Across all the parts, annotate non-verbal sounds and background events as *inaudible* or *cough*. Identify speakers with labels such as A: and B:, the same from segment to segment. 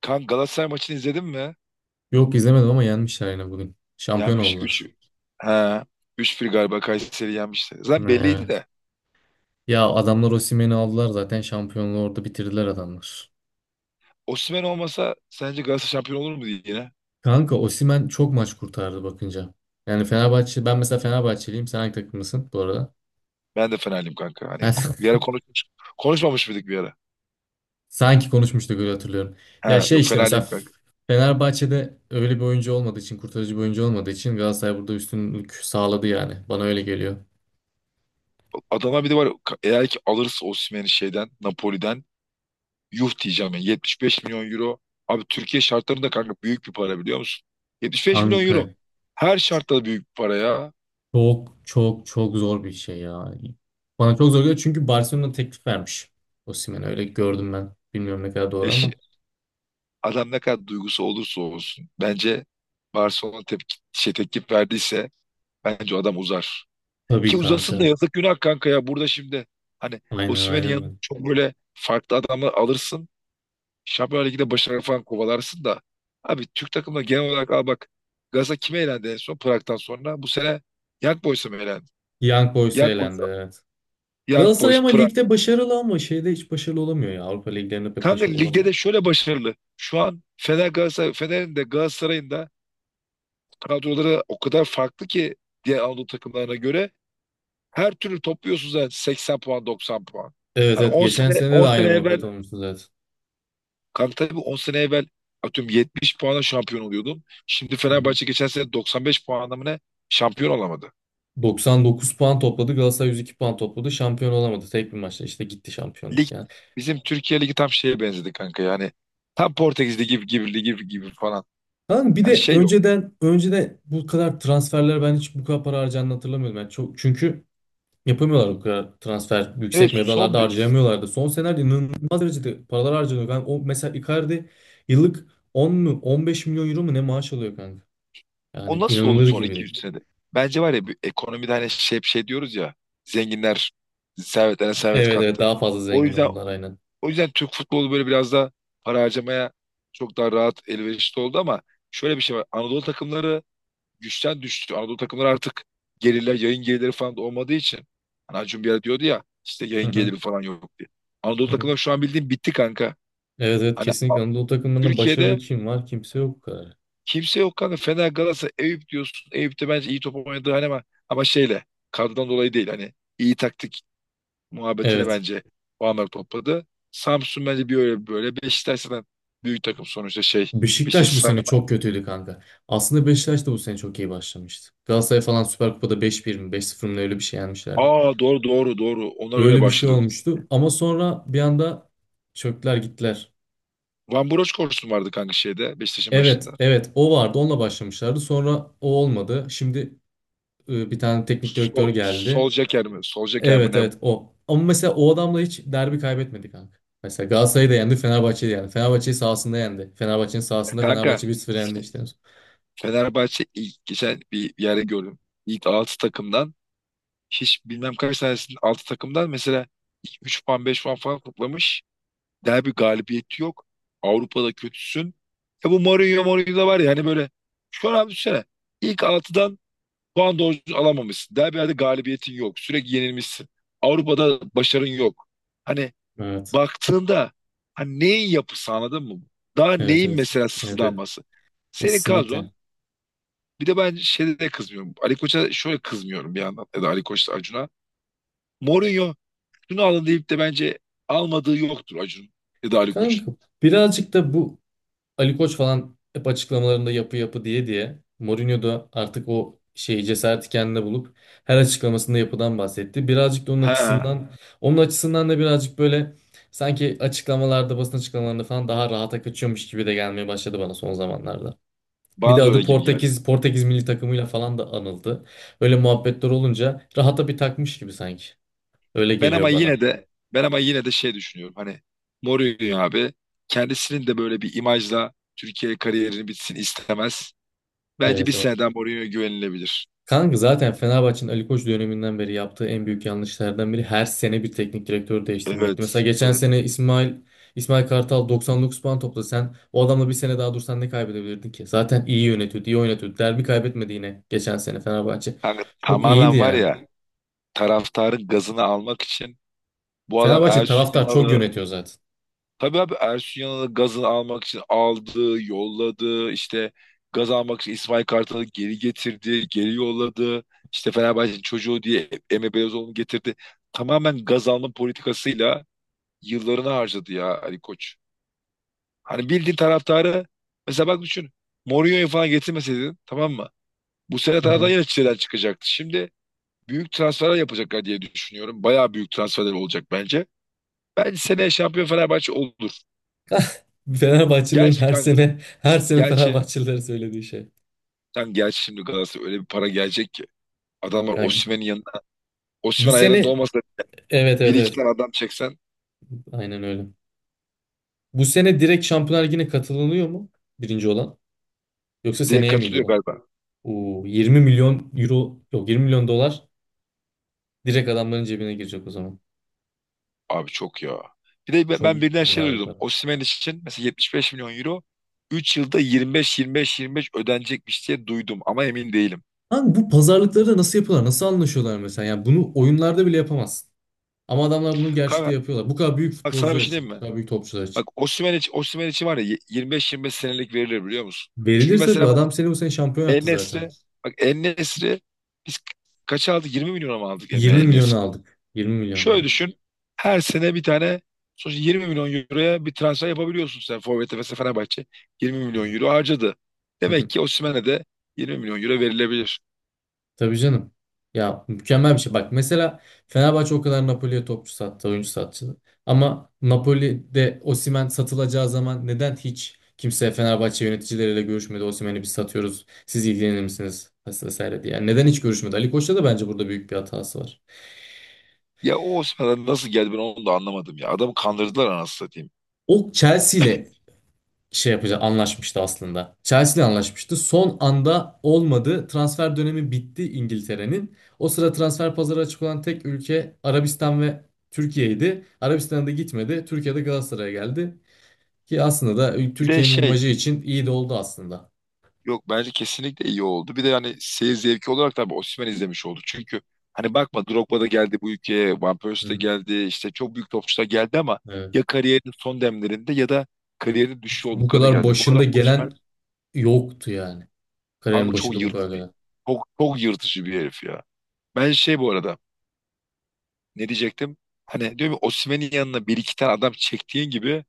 A: Kan Galatasaray maçını izledin mi?
B: Yok izlemedim ama yenmişler yine bugün. Şampiyon
A: Yenmiş 3,
B: oldular.
A: Ha, 3-1 galiba Kayseri yenmişti. Zaten belliydi
B: Evet.
A: de.
B: Ya adamlar Osimhen'i aldılar zaten şampiyonluğu orada bitirdiler adamlar.
A: Osimhen olmasa sence Galatasaray şampiyon olur mu diye yine?
B: Kanka Osimhen çok maç kurtardı bakınca. Yani Fenerbahçe ben mesela Fenerbahçeliyim. Sen hangi takımlısın bu arada?
A: Ben de Fenerliyim kanka. Hani bir
B: Ben-
A: ara konuşmuş, konuşmamış mıydık bir ara?
B: *laughs* Sanki konuşmuştuk öyle hatırlıyorum. Ya
A: Ha, yok Fenerliyim
B: mesela
A: kanka.
B: Fenerbahçe'de öyle bir oyuncu olmadığı için, kurtarıcı bir oyuncu olmadığı için Galatasaray burada üstünlük sağladı yani. Bana öyle geliyor.
A: Adama bir de var ya, eğer ki alırsa Osimhen'i şeyden Napoli'den yuh diyeceğim yani 75 milyon euro. Abi Türkiye şartlarında kanka büyük bir para biliyor musun? 75 milyon
B: Kanka.
A: euro. Her şartta büyük bir para ya.
B: Çok zor bir şey ya. Bana çok zor geliyor çünkü Barcelona teklif vermiş. Osimhen öyle gördüm ben. Bilmiyorum ne kadar doğru ama.
A: Adam ne kadar duygusu olursa olsun bence Barcelona tepki verdiyse bence o adam uzar. Ki
B: Tabii
A: uzasın da
B: kanka.
A: yazık günah kanka ya burada şimdi. Hani
B: Aynen
A: Osimhen'in yanına
B: aynen.
A: çok böyle farklı adamı alırsın. Şampiyonlar Ligi'nde başarı falan kovalarsın da. Abi Türk takımına genel olarak al bak. Galatasaray kime elendi en son Prag'dan sonra? Bu sene Young Boys'a mı elendi?
B: Young Boys'a
A: Young Boys,
B: elendi, evet.
A: Young
B: Galatasaray
A: Boys,
B: ama
A: Prag.
B: ligde başarılı ama şeyde hiç başarılı olamıyor ya. Avrupa liglerinde pek
A: Kanka
B: başarılı
A: ligde
B: olamıyor.
A: de şöyle başarılı. Şu an Fener Galatasaray, Fener'in de Galatasaray'ın da kadroları o kadar farklı ki diğer Anadolu takımlarına göre her türlü topluyorsunuz zaten 80 puan 90 puan.
B: Evet
A: Hani
B: evet
A: 10
B: geçen
A: sene
B: sene de
A: 10
B: aynı
A: sene evvel
B: muhabbet olmuştu zaten.
A: kanka tabii 10 sene evvel atıyorum 70 puana şampiyon oluyordun. Şimdi
B: Hı hı.
A: Fenerbahçe geçen sene 95 puanla mı ne şampiyon olamadı.
B: 99 puan topladı. Galatasaray 102 puan topladı. Şampiyon olamadı. Tek bir maçta işte gitti
A: Lig
B: şampiyonluk yani.
A: bizim Türkiye Ligi tam şeye benzedi kanka yani tam Portekiz Ligi gibi gibi ligi gibi falan.
B: Kanka bir
A: Hani
B: de
A: şey yok.
B: önceden bu kadar transferler ben hiç bu kadar para harcandığını hatırlamıyorum. Yani çok, çünkü yapamıyorlar bu kadar transfer.
A: Evet.
B: Yüksek meblağlarda harcayamıyorlardı. Son senelerde inanılmaz derecede paralar harcanıyor. Ben o mesela Icardi yıllık 10 mu 15 milyon euro mu ne maaş alıyor kanka.
A: O
B: Yani
A: nasıl oldu
B: inanılır
A: son
B: gibi değil.
A: 200 senede? Bence var ya bir ekonomide hani şey hep şey diyoruz ya zenginler servetlerine servet
B: Evet,
A: kattı.
B: daha fazla
A: O
B: zengin
A: yüzden
B: oldular aynen.
A: o yüzden Türk futbolu böyle biraz da para harcamaya çok daha rahat elverişli oldu ama şöyle bir şey var. Anadolu takımları güçten düştü. Anadolu takımları artık gelirler, yayın gelirleri falan da olmadığı için. Hani Acun bir ara diyordu ya işte
B: Hı
A: yayın
B: hı.
A: geliri falan yok diye. Anadolu
B: Hı hı.
A: takımları şu an bildiğin bitti kanka.
B: Evet,
A: Hani
B: kesinlikle Anadolu takımlarında başarılı
A: Türkiye'de
B: kim var? Kimse yok bu kadar.
A: kimse yok kanka. Fener, Galatasaray, Eyüp diyorsun. Eyüp de bence iyi top oynadı hani ama, ama şeyle kadrodan dolayı değil. Hani iyi taktik muhabbetine
B: Evet.
A: bence puanlar topladı. Samsun bence bir öyle bir böyle. Beşiktaş zaten büyük takım sonuçta şey. İşte.
B: Beşiktaş bu sene çok kötüydü kanka. Aslında Beşiktaş da bu sene çok iyi başlamıştı. Galatasaray falan Süper Kupa'da beş bir mi beş sıfır mı öyle bir şey yenmişlerdi.
A: Aa, doğru doğru doğru. Onlar öyle
B: Öyle bir şey
A: başladı.
B: olmuştu ama sonra bir anda çöktüler gittiler.
A: Van Broch koşusu vardı kanka şeyde Beşiktaş'ın
B: Evet
A: başında.
B: evet o vardı, onunla başlamışlardı, sonra o olmadı. Şimdi bir tane teknik
A: Sol,
B: direktör
A: sol
B: geldi.
A: Solskjaer mi? Sol mi
B: Evet
A: ne?
B: evet o. Ama mesela o adamla hiç derbi kaybetmedi kanka. Mesela Galatasaray'ı da yendi, Fenerbahçe'yi de yendi. Fenerbahçe'yi sahasında yendi. Fenerbahçe'nin sahasında
A: Kanka
B: Fenerbahçe bir sıfır yendi işte.
A: Fenerbahçe ilk geçen bir yere gördüm. İlk altı takımdan hiç bilmem kaç tanesinin altı takımdan mesela 3 puan 5 puan falan toplamış. Derbi galibiyeti yok. Avrupa'da kötüsün. E bu Mourinho Mourinho da var ya hani böyle şu an abi düşünsene. İlk altıdan puan doğru düzgün alamamışsın. Derbilerde galibiyetin yok. Sürekli yenilmişsin. Avrupa'da başarın yok. Hani
B: Evet.
A: baktığında hani neyin yapısı anladın mı? Daha
B: Evet,
A: neyin
B: evet.
A: mesela
B: Evet, evet.
A: sızlanması? Senin
B: Kesinlikle.
A: kadron bir de ben şeyde de kızmıyorum. Ali Koç'a şöyle kızmıyorum bir yandan ya da Ali Koç'la Acun'a. Mourinho şunu alın deyip de bence almadığı yoktur Acun ya da Ali Koç'un.
B: Kanka birazcık da bu Ali Koç falan hep açıklamalarında yapı diye Mourinho da artık o şeyi cesareti kendine bulup her açıklamasında yapıdan bahsetti. Birazcık da onun
A: Ha,
B: açısından onun açısından da birazcık böyle sanki basın açıklamalarında falan daha rahata kaçıyormuş gibi de gelmeye başladı bana son zamanlarda. Bir de
A: bana da öyle
B: adı
A: gibi geldi.
B: Portekiz milli takımıyla falan da anıldı. Öyle muhabbetler olunca rahata bir takmış gibi sanki. Öyle
A: Ben ama
B: geliyor bana.
A: yine de ben ama yine de şey düşünüyorum. Hani Mourinho abi kendisinin de böyle bir imajla Türkiye kariyerini bitsin istemez. Bence bir
B: Evet, evet.
A: seneden Mourinho'ya güvenilebilir.
B: Kanka zaten Fenerbahçe'nin Ali Koç döneminden beri yaptığı en büyük yanlışlardan biri her sene bir teknik direktörü değiştirmekti. Mesela
A: Evet,
B: geçen
A: evet.
B: sene İsmail Kartal 99 puan topladı. Sen o adamla bir sene daha dursan ne kaybedebilirdin ki? Zaten iyi yönetiyordu, iyi oynatıyordu. Derbi kaybetmedi yine geçen sene Fenerbahçe.
A: Kanka,
B: Çok iyiydi
A: tamamen var
B: yani.
A: ya taraftarın gazını almak için bu adam
B: Fenerbahçe
A: Ersun
B: taraftar çok
A: Yanal'ı...
B: yönetiyor zaten.
A: Tabii abi, Ersun Yanal'ı gazını almak için aldı, yolladı. İşte gaz almak için İsmail Kartal'ı geri getirdi, geri yolladı. İşte Fenerbahçe'nin çocuğu diye Emre Belezoğlu'nu getirdi. Tamamen gaz alma politikasıyla yıllarını harcadı ya Ali Koç. Hani bildiğin taraftarı mesela bak düşün. Mourinho'yu falan getirmeseydin tamam mı? Bu sene
B: Hı
A: taraftar
B: hı.
A: yine çileden çıkacaktı. Şimdi büyük transferler yapacaklar diye düşünüyorum. Bayağı büyük transferler olacak bence. Bence seneye şampiyon Fenerbahçe olur.
B: Fenerbahçelilerin
A: Gerçi
B: her
A: kanka,
B: sene her sene
A: gerçi
B: Fenerbahçelilere söylediği şey.
A: sen gel şimdi Galatasaray öyle bir para gelecek ki. Adamlar
B: Kanka,
A: Osimhen'in yanına.
B: bu
A: Osimhen
B: sene,
A: ayarında olmasa
B: evet
A: bir
B: evet
A: iki
B: evet.
A: tane adam çeksen
B: Aynen öyle. Bu sene direkt Şampiyonlar Ligi'ne katılınıyor mu? Birinci olan. Yoksa
A: direkt
B: seneye miydi
A: katılıyor
B: o?
A: galiba.
B: Oo, 20 milyon euro, yok 20 milyon dolar direkt adamların cebine girecek o zaman.
A: Abi çok ya. Bir de ben
B: Çok
A: ben birden şey
B: mükemmel bir
A: duydum.
B: para.
A: Osimhen için mesela 75 milyon euro 3 yılda 25-25-25 ödenecekmiş diye duydum ama emin değilim.
B: Lan bu pazarlıkları da nasıl yapıyorlar? Nasıl anlaşıyorlar mesela? Yani bunu oyunlarda bile yapamazsın. Ama adamlar bunu gerçekte
A: Kanka
B: yapıyorlar. Bu kadar büyük
A: bak sana bir
B: futbolcular
A: şey
B: için,
A: diyeyim
B: bu
A: mi?
B: kadar büyük topçular
A: Bak
B: için.
A: Osimhen için, Osimhen için var ya 25-25 senelik verilir biliyor musun? Çünkü
B: Verilir tabii.
A: mesela bak
B: Adam seni bu sene şampiyon yaptı zaten.
A: En-Nesyri bak En-Nesyri biz kaça aldık? 20 milyona mı aldık
B: 20 milyonu aldık. 20 milyonu
A: Şöyle
B: aldık.
A: düşün. Her sene bir tane sonuçta 20 milyon euroya bir transfer yapabiliyorsun sen Forvet'e mesela Fenerbahçe 20
B: Hı
A: milyon
B: hı.
A: euro harcadı.
B: Hı
A: Demek
B: hı.
A: ki Osimhen'e de 20 milyon euro verilebilir.
B: Tabii canım. Ya mükemmel bir şey. Bak mesela Fenerbahçe o kadar Napoli'ye topçu sattı, oyuncu sattı. Ama Napoli'de Osimhen satılacağı zaman neden hiç kimse Fenerbahçe yöneticileriyle görüşmedi? Osimhen'i biz satıyoruz. Siz ilgilenir misiniz? Vesaire diye. Yani neden hiç görüşmedi? Ali Koç'ta da bence burada büyük bir hatası var.
A: Ya o Osimhen'e nasıl geldi ben onu da anlamadım ya. Adamı kandırdılar anasını satayım.
B: O Chelsea ile şey yapacak anlaşmıştı aslında. Chelsea ile anlaşmıştı. Son anda olmadı. Transfer dönemi bitti İngiltere'nin. O sıra transfer pazarı açık olan tek ülke Arabistan ve Türkiye'ydi. Arabistan'a da gitmedi. Türkiye'de Galatasaray'a geldi. Ki aslında da
A: Bir de
B: Türkiye'nin
A: şey
B: imajı için iyi de oldu aslında.
A: yok bence kesinlikle iyi oldu. Bir de hani seyir zevki olarak tabii Osimhen izlemiş oldu. Çünkü hani bakma Drogba da geldi bu ülkeye, Van
B: Hı
A: Persie de
B: hı.
A: geldi, işte çok büyük topçular geldi ama
B: Evet.
A: ya kariyerinin son demlerinde ya da kariyerinin düşüşü
B: Hiç bu
A: olduklarına
B: kadar
A: geldi. Bu
B: başında
A: adam Osimhen...
B: gelen yoktu yani.
A: Kanka
B: Kariyerin
A: çok
B: başında bu kadar
A: yırtıcı.
B: gelen.
A: Çok, çok yırtıcı bir herif ya. Ben şey bu arada ne diyecektim? Hani diyorum ya Osimhen'in yanına bir iki tane adam çektiğin gibi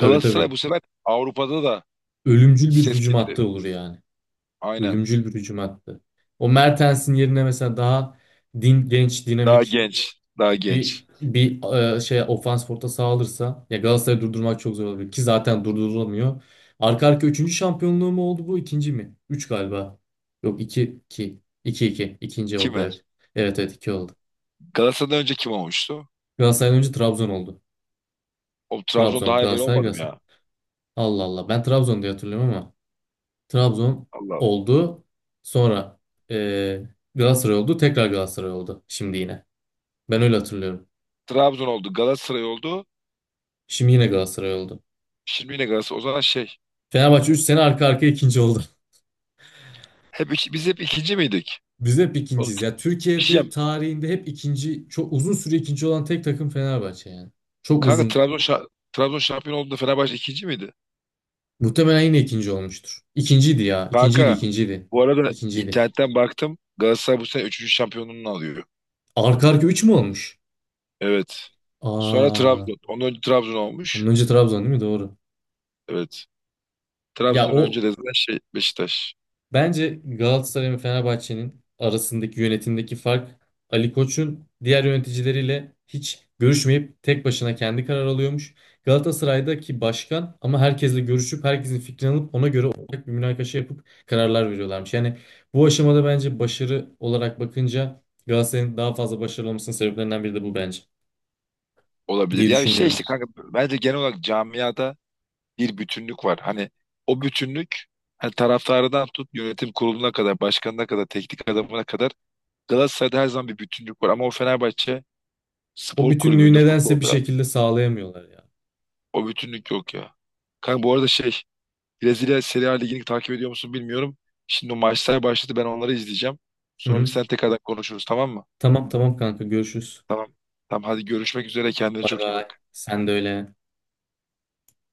B: Tabii, tabii.
A: bu sefer Avrupa'da da
B: Ölümcül bir
A: ses
B: hücum hattı
A: getirdi.
B: olur yani.
A: Aynen.
B: Ölümcül bir hücum attı. O Mertens'in yerine mesela daha genç,
A: Daha
B: dinamik
A: genç. Daha
B: bir
A: genç.
B: bir ofans forta sağlanırsa ya Galatasaray'ı durdurmak çok zor olabilir ki zaten durdurulamıyor. Arka arka üçüncü şampiyonluğu mu oldu bu? İkinci mi? Üç galiba. Yok iki. İkinci oldu
A: Kime?
B: evet. Evet, iki oldu.
A: Galatasaray'dan önce kim olmuştu?
B: Galatasaray'dan önce Trabzon oldu.
A: O Trabzon
B: Trabzon,
A: daha evvel
B: Galatasaray,
A: olmadım
B: Galatasaray.
A: ya.
B: Allah Allah. Ben Trabzon diye hatırlıyorum ama Trabzon
A: Allah Allah.
B: oldu. Sonra e, Galatasaray oldu. Tekrar Galatasaray oldu. Şimdi yine. Ben öyle hatırlıyorum.
A: Trabzon oldu. Galatasaray oldu.
B: Şimdi yine Galatasaray oldu.
A: Şimdi yine Galatasaray. O zaman şey.
B: Fenerbahçe 3 sene arka arkaya ikinci oldu.
A: Biz hep ikinci miydik?
B: *laughs* Biz hep
A: Oğlum,
B: ikinciyiz. Ya
A: bir şey
B: Türkiye'de
A: diyeceğim.
B: tarihinde hep ikinci, çok uzun süre ikinci olan tek takım Fenerbahçe yani. Çok
A: Kanka
B: uzun.
A: Trabzon şampiyon olduğunda Fenerbahçe ikinci miydi?
B: Muhtemelen yine ikinci olmuştur. İkinciydi ya. İkinciydi,
A: Kanka
B: ikinciydi.
A: bu arada
B: İkinciydi.
A: internetten baktım. Galatasaray bu sene üçüncü şampiyonluğunu alıyor.
B: Arka arka 3 mü olmuş?
A: Evet. Sonra
B: Aa,
A: Trabzon. Ondan önce Trabzon
B: bunun
A: olmuş.
B: önce Trabzon değil mi? Doğru.
A: Evet.
B: Ya
A: Trabzon'dan önce de
B: o,
A: zaten şey Beşiktaş
B: bence Galatasaray ve Fenerbahçe'nin arasındaki yönetimdeki fark, Ali Koç'un diğer yöneticileriyle hiç görüşmeyip tek başına kendi karar alıyormuş. Galatasaray'daki başkan ama herkesle görüşüp herkesin fikrini alıp ona göre ortak bir münakaşa yapıp kararlar veriyorlarmış. Yani bu aşamada bence başarı olarak bakınca Galatasaray'ın daha fazla başarılı olmasının sebeplerinden biri de bu bence
A: olabilir.
B: diye
A: Ya şey
B: düşünüyorum.
A: işte kanka bence genel olarak camiada bir bütünlük var. Hani o bütünlük hani taraftarından tut yönetim kuruluna kadar, başkanına kadar, teknik adamına kadar Galatasaray'da her zaman bir bütünlük var. Ama o Fenerbahçe
B: O
A: spor
B: bütünlüğü
A: kulübünde,
B: nedense bir
A: futbolda
B: şekilde sağlayamıyorlar ya.
A: o bütünlük yok ya. Kanka bu arada şey Brezilya Serie A Ligi'ni takip ediyor musun bilmiyorum. Şimdi o maçlar başladı ben onları izleyeceğim.
B: Hı
A: Sonra
B: hı.
A: sen tekrardan konuşuruz tamam mı?
B: Tamam tamam kanka, görüşürüz.
A: Tamam. Tamam hadi görüşmek üzere kendine
B: Bay
A: çok iyi
B: bay.
A: bak.
B: Sen de öyle.